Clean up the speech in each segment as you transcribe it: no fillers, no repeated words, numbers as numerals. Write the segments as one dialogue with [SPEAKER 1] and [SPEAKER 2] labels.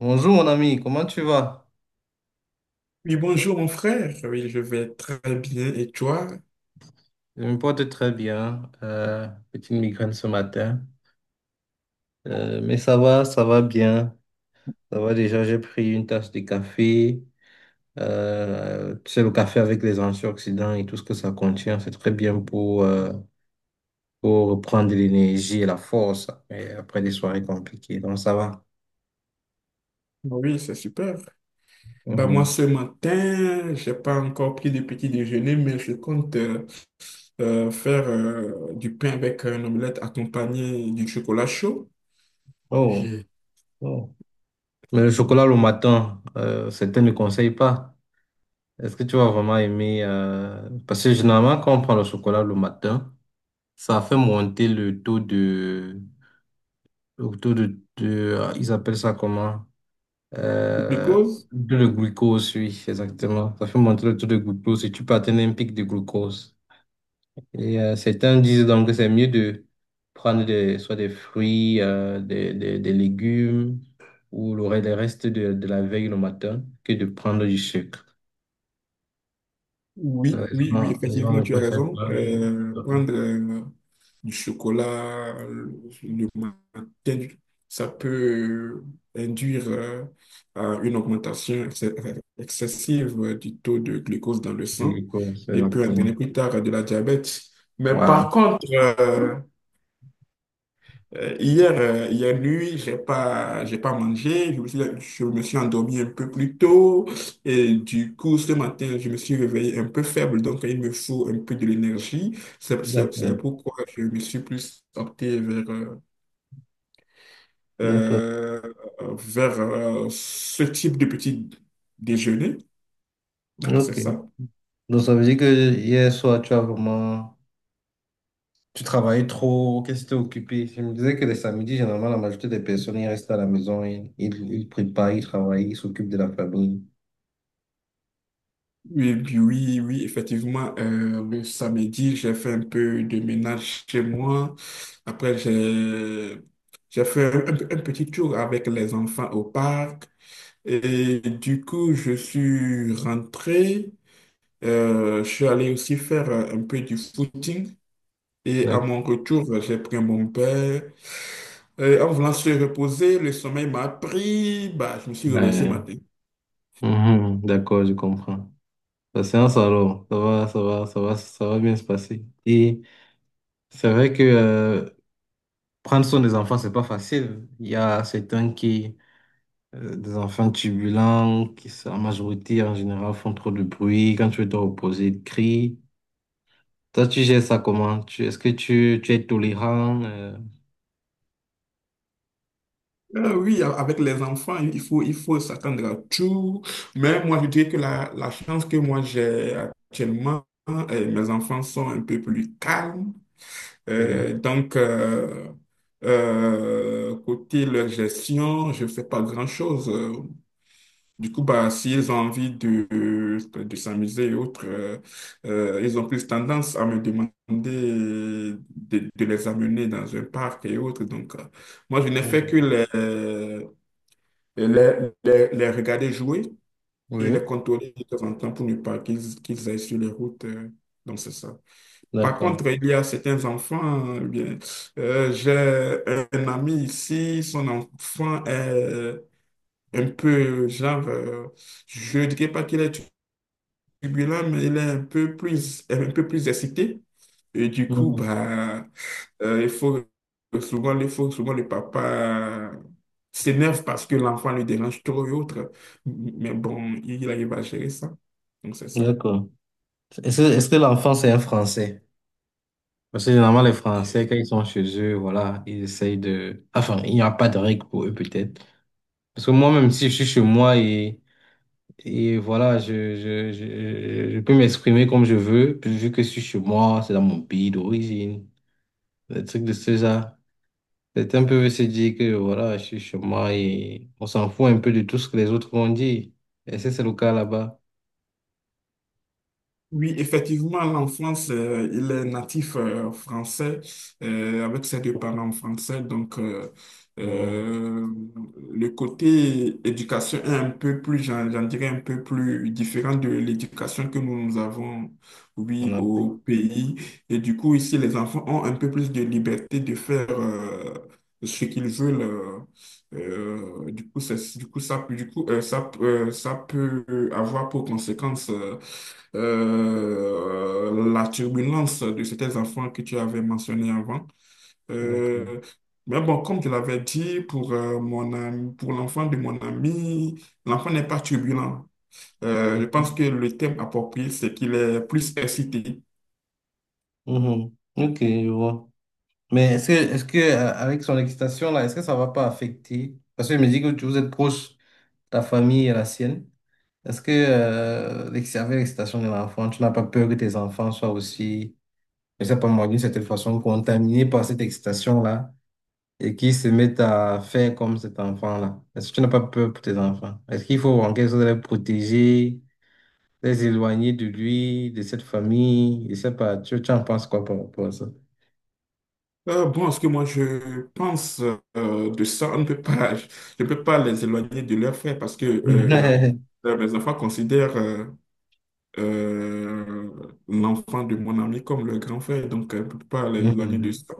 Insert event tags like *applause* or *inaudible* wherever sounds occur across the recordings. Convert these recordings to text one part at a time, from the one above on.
[SPEAKER 1] Bonjour mon ami, comment tu vas?
[SPEAKER 2] Oui, bonjour mon frère. Oui, je vais très bien. Et toi?
[SPEAKER 1] Je me porte très bien, petite migraine ce matin. Mais ça va bien. Ça va déjà, j'ai pris une tasse de café. Tu sais, le café avec les antioxydants et tout ce que ça contient, c'est très bien pour reprendre de l'énergie et la force et après des soirées compliquées, donc ça va.
[SPEAKER 2] Oui, c'est super. Bah, moi,
[SPEAKER 1] Mhm.
[SPEAKER 2] ce matin, j'ai pas encore pris de petit déjeuner, mais je compte faire du pain avec un omelette accompagné du chocolat chaud.
[SPEAKER 1] Oh,
[SPEAKER 2] J'ai-
[SPEAKER 1] oh. Mais le chocolat le matin, certains ne conseillent pas. Est-ce que tu vas vraiment aimer? Parce que généralement, quand on prend le chocolat le matin, ça fait monter le taux de. Le taux ah, ils appellent ça comment?
[SPEAKER 2] du
[SPEAKER 1] Euh, de le glucose, oui, exactement. Ça fait monter le taux de glucose et tu peux atteindre un pic de glucose. Et certains disent donc que c'est mieux de prendre des, soit des fruits, des légumes ou les restes de la veille le matin que de prendre du sucre. Da,
[SPEAKER 2] Oui, oui,
[SPEAKER 1] Zona,
[SPEAKER 2] oui, effectivement,
[SPEAKER 1] zona
[SPEAKER 2] tu as raison.
[SPEAKER 1] conceitual e
[SPEAKER 2] Prendre du chocolat le matin, ça peut induire à une augmentation excessive du taux de glucose dans le
[SPEAKER 1] e
[SPEAKER 2] sang
[SPEAKER 1] coisa,
[SPEAKER 2] et peut entraîner
[SPEAKER 1] exactement.
[SPEAKER 2] plus tard de la diabète. Mais
[SPEAKER 1] Voilà.
[SPEAKER 2] par contre, hier, hier nuit, j'ai pas mangé. Je me suis endormi un peu plus tôt. Et du coup, ce matin, je me suis réveillé un peu faible. Donc, il me faut un peu de l'énergie. C'est
[SPEAKER 1] D'accord.
[SPEAKER 2] pourquoi je me suis plus opté vers,
[SPEAKER 1] D'accord.
[SPEAKER 2] euh, vers ce type de petit déjeuner. Alors, c'est
[SPEAKER 1] Ok.
[SPEAKER 2] ça.
[SPEAKER 1] Donc ça veut dire que hier soir, tu as vraiment. Tu travaillais trop, qu'est-ce que tu occupé? Je me disais que les samedis, généralement, la majorité des personnes, ils restent à la maison, ils préparent, ils travaillent, ils s'occupent de la famille.
[SPEAKER 2] Oui, oui, oui, oui, effectivement, le samedi, j'ai fait un peu de ménage chez moi. Après, j'ai fait un petit tour avec les enfants au parc. Et du coup, je suis rentré. Je suis allé aussi faire un peu du footing. Et à
[SPEAKER 1] D'accord.
[SPEAKER 2] mon retour, j'ai pris mon père. En voulant se reposer, le sommeil m'a pris. Bah, je me suis réveillé ce
[SPEAKER 1] Ouais.
[SPEAKER 2] matin.
[SPEAKER 1] Mhm, d'accord, je comprends. La séance alors, ça va, ça va, ça va, ça va bien se passer. Et c'est vrai que prendre soin des enfants, c'est pas facile. Il y a certains qui, des enfants turbulents, qui en majorité, en général, font trop de bruit. Quand tu veux te reposer, ils crient. Toi, tu gères ça comment? Est-ce que tu es tolérant?
[SPEAKER 2] Oui, avec les enfants, il faut s'attendre à tout. Mais moi, je dirais que la chance que moi j'ai actuellement, mes enfants sont un peu plus calmes.
[SPEAKER 1] Oui.
[SPEAKER 2] Euh, donc, euh, côté leur gestion, je ne fais pas grand-chose. Du coup, bah, s'ils ont envie de s'amuser et autres, ils ont plus tendance à me demander de les amener dans un parc et autres. Donc, moi, je n'ai fait que
[SPEAKER 1] Mhm.
[SPEAKER 2] les, les, les, les regarder jouer et les
[SPEAKER 1] Oui.
[SPEAKER 2] contrôler de temps en temps pour ne pas qu'ils aillent sur les routes. Donc, c'est ça. Par
[SPEAKER 1] D'accord.
[SPEAKER 2] contre, il y a certains enfants, bien, j'ai un ami ici, son enfant est un peu, genre, je ne dirais pas qu'il est turbulent, mais il est un peu plus excité. Et du coup,
[SPEAKER 1] Mhm.
[SPEAKER 2] bah, euh, il faut il faut souvent le papa s'énerve parce que l'enfant lui dérange trop et autres. Mais bon, il arrive à gérer ça. Donc, c'est ça.
[SPEAKER 1] D'accord. Est-ce que l'enfant, c'est un Français? Parce que généralement, les Français, quand ils sont chez eux, voilà, ils essayent de. Enfin, il n'y a pas de règles pour eux, peut-être. Parce que moi, même si je suis chez moi et. Et voilà, je peux m'exprimer comme je veux, puis vu que je suis chez moi, c'est dans mon pays d'origine, des trucs de ce genre. Certains peuvent se dire que voilà, je suis chez moi et on s'en fout un peu de tout ce que les autres vont dire. Et ça, c'est le cas là-bas,
[SPEAKER 2] Oui, effectivement, l'enfant il est natif français, avec ses deux parents français. Donc,
[SPEAKER 1] en
[SPEAKER 2] euh, le côté éducation est un peu plus, j'en dirais, un peu plus différent de l'éducation que nous, nous avons,
[SPEAKER 1] en
[SPEAKER 2] oui,
[SPEAKER 1] Afrique.
[SPEAKER 2] au pays. Et du coup, ici, les enfants ont un peu plus de liberté de faire ce qu'ils veulent. Du coup, c'est- du coup, ça, peut- du coup, ça, ça peut avoir pour conséquence la turbulence de ces enfants que tu avais mentionné avant.
[SPEAKER 1] D'accord.
[SPEAKER 2] Euh, mais bon, comme je l'avais dit, pour, mon ami, pour l'enfant de mon ami, l'enfant n'est pas turbulent. Je pense
[SPEAKER 1] Mhm.
[SPEAKER 2] que le thème approprié, c'est qu'il est plus excité.
[SPEAKER 1] Mhm. Ok, je vois. Mais est-ce que, avec son excitation là, est-ce que ça va pas affecter? Parce que je me dis que vous êtes proche, ta famille et la sienne. Est-ce que l'excitation de l'enfant, tu n'as pas peur que tes enfants soient aussi, je sais pas moi, d'une certaine façon, contaminés par cette excitation-là et qu'ils se mettent à faire comme cet enfant-là? Est-ce que tu n'as pas peur pour tes enfants? Est-ce qu'il faut en quelque sorte les protéger, les éloigner de lui, de cette famille? Je sais pas, tu en penses quoi par rapport à ça?
[SPEAKER 2] Bon, ce que moi je pense de ça, on ne peut pas, je ne peux pas les éloigner de leurs frères parce que
[SPEAKER 1] *laughs*
[SPEAKER 2] mes enfants considèrent euh, l'enfant de mon ami comme le grand frère, donc elle ne peut pas les éloigner de
[SPEAKER 1] Mhm.
[SPEAKER 2] ça.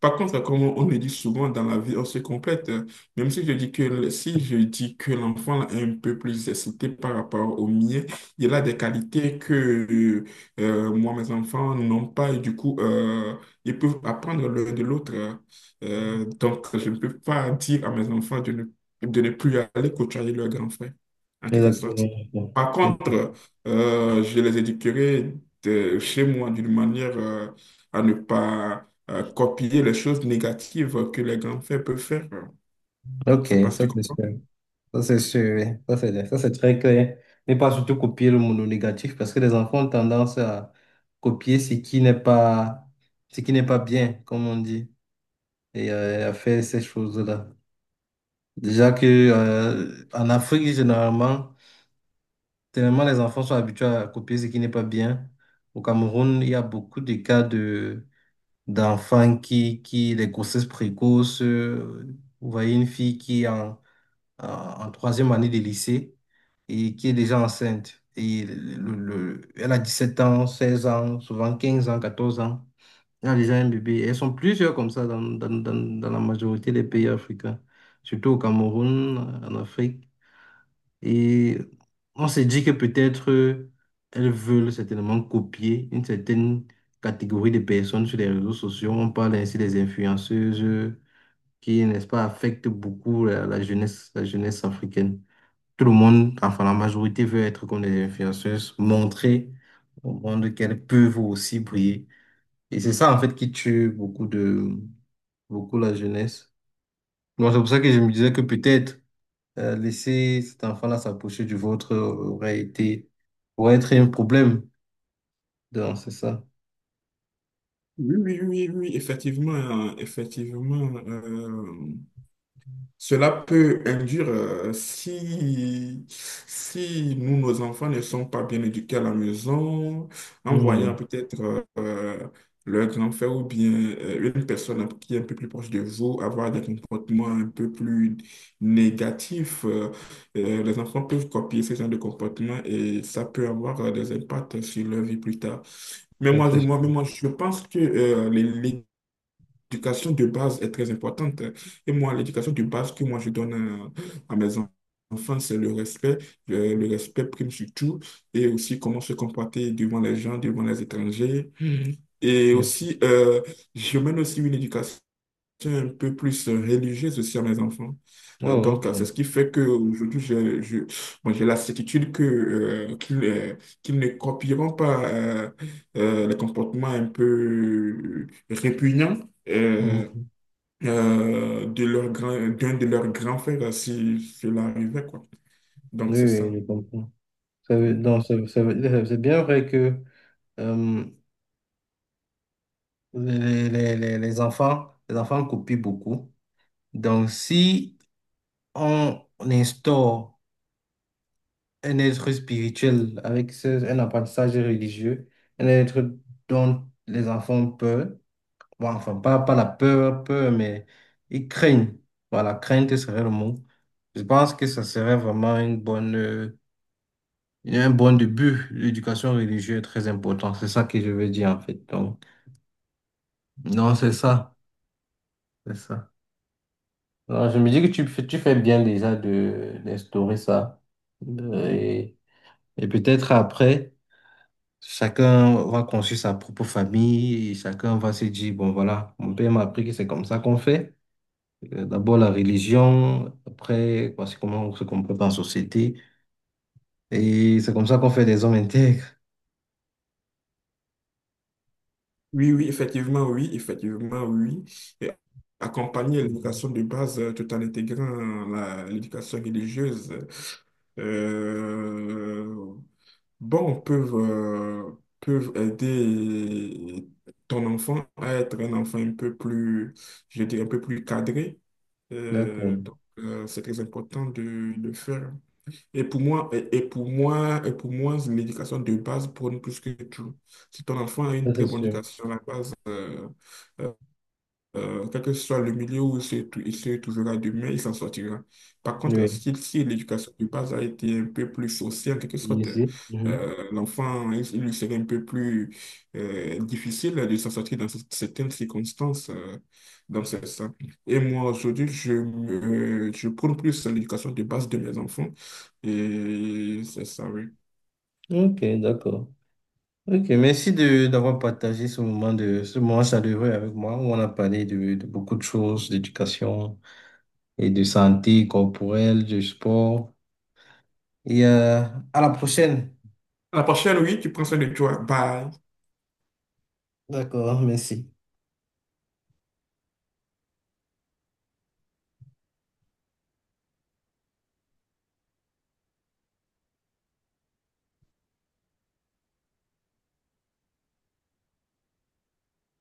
[SPEAKER 2] Par contre, comme on le dit souvent dans la vie, on se complète. Même si je dis que Si je dis que l'enfant est un peu plus excité par rapport au mien, il a des qualités que moi, mes enfants n'ont pas et du coup, ils peuvent apprendre l'un de l'autre. Donc, je ne peux pas dire à mes enfants de ne plus aller côtoyer leur grand frère, en quelque sorte.
[SPEAKER 1] Exactement.
[SPEAKER 2] Par contre, je les éduquerai de chez moi d'une manière à ne pas copier les choses négatives que les grands-pères peuvent faire.
[SPEAKER 1] Ok,
[SPEAKER 2] C'est pas ce
[SPEAKER 1] ça
[SPEAKER 2] qu'ils
[SPEAKER 1] c'est
[SPEAKER 2] comprennent.
[SPEAKER 1] sûr. Ça, c'est sûr, oui. Ça, c'est très clair. Ne pas surtout copier le mono négatif parce que les enfants ont tendance à copier ce qui n'est pas, ce qui n'est pas bien, comme on dit, et à faire ces choses-là. Déjà que, en Afrique, généralement, tellement les enfants sont habitués à copier ce qui n'est pas bien. Au Cameroun, il y a beaucoup de cas de, d'enfants qui, les grossesses précoces, vous voyez une fille qui en troisième année de lycée et qui est déjà enceinte. Et elle a 17 ans, 16 ans, souvent 15 ans, 14 ans. Elle a déjà un bébé. Elles sont plusieurs comme ça dans la majorité des pays africains, surtout au Cameroun, en Afrique. Et on s'est dit que peut-être elles veulent certainement copier une certaine catégorie de personnes sur les réseaux sociaux. On parle ainsi des influenceuses qui, n'est-ce pas, affectent beaucoup la jeunesse, la jeunesse africaine. Tout le monde, enfin la majorité veut être comme des influenceuses, montrer au monde qu'elles peuvent aussi briller. Et c'est ça en fait qui tue beaucoup de beaucoup la jeunesse. Moi, c'est pour ça que je me disais que peut-être laisser cet enfant-là s'approcher du vôtre aurait été aurait être un problème. Donc, c'est ça.
[SPEAKER 2] Oui, oui, oui, oui, effectivement, cela peut induire, si, si nous, nos enfants ne sont pas bien éduqués à la maison, en voyant
[SPEAKER 1] Hmm.
[SPEAKER 2] peut-être leur grand-frère ou bien une personne qui est un peu plus proche de vous avoir des comportements un peu plus négatifs, les enfants peuvent copier ce genre de comportement et ça peut avoir des impacts sur leur vie plus tard.
[SPEAKER 1] ça, c'est-
[SPEAKER 2] Mais moi, je pense que l'éducation de base est très importante. Et moi, l'éducation de base que moi je donne à enfants, c'est le respect. Le respect prime sur tout. Et aussi comment se comporter devant les gens, devant les étrangers. Et aussi, je mène aussi une éducation un peu plus religieuse aussi à mes enfants.
[SPEAKER 1] Oh, ok.
[SPEAKER 2] C'est ce qui fait qu'aujourd'hui, bon, j'ai la certitude que, qu'ils ne copieront pas les comportements un peu répugnants euh,
[SPEAKER 1] Hmm.
[SPEAKER 2] de d'un de leurs grands frères, si cela arrivait, quoi. Donc,
[SPEAKER 1] Oui,
[SPEAKER 2] c'est
[SPEAKER 1] oui,
[SPEAKER 2] ça.
[SPEAKER 1] je comprends. Ça veut-
[SPEAKER 2] Mm.
[SPEAKER 1] donc, ça veut- dire- c'est bien vrai que euh, les enfants copient beaucoup. Donc, si on instaure un être spirituel avec un apprentissage religieux, un être dont les enfants ont peur, bon, enfin, pas, pas la peur, peur, mais ils craignent. Voilà, crainte serait le mot. Je pense que ça serait vraiment une bonne, un bon début. L'éducation religieuse est très importante. C'est ça que je veux dire, en fait. Donc, non, c'est ça. C'est ça. Alors, je me dis que tu fais bien déjà d'instaurer ça. Euh, Et peut-être après, chacun va construire sa propre famille, et chacun va se dire, bon voilà, mon père m'a appris que c'est comme ça qu'on fait. D'abord la religion, après, voici comment on se comporte en société. Et c'est comme ça qu'on fait des hommes intègres.
[SPEAKER 2] Oui, oui, effectivement, oui, effectivement, oui. Et accompagner l'éducation de base, tout en intégrant l'éducation religieuse. Euh, bon, peuvent, euh, Peuvent aider ton enfant à être un enfant un peu plus, je dirais, un peu plus cadré.
[SPEAKER 1] D'accord,
[SPEAKER 2] Donc, c'est très important de le faire. Et pour moi, l'éducation de base prône plus que tout. Si ton enfant a une
[SPEAKER 1] ça c'est
[SPEAKER 2] très bonne
[SPEAKER 1] sûr.
[SPEAKER 2] éducation à la base, euh, quel que soit le milieu où il se trouvera demain, il s'en sortira. Par contre,
[SPEAKER 1] Oui,
[SPEAKER 2] si, si l'éducation de base a été un peu plus sociale, en quelque sorte,
[SPEAKER 1] ici. Mhm.
[SPEAKER 2] l'enfant, il lui serait un peu plus difficile de s'en sortir dans certaines circonstances, dans ce sens. Et moi, aujourd'hui, je prône plus l'éducation de base de mes enfants. Et c'est ça, oui.
[SPEAKER 1] Ok, d'accord. Ok, merci de d'avoir partagé ce moment chaleureux avec moi où on a parlé de beaucoup de choses, d'éducation et de santé corporelle, du sport. Et à la prochaine.
[SPEAKER 2] À la prochaine, oui, tu prends soin de toi. Bye.
[SPEAKER 1] D'accord, merci.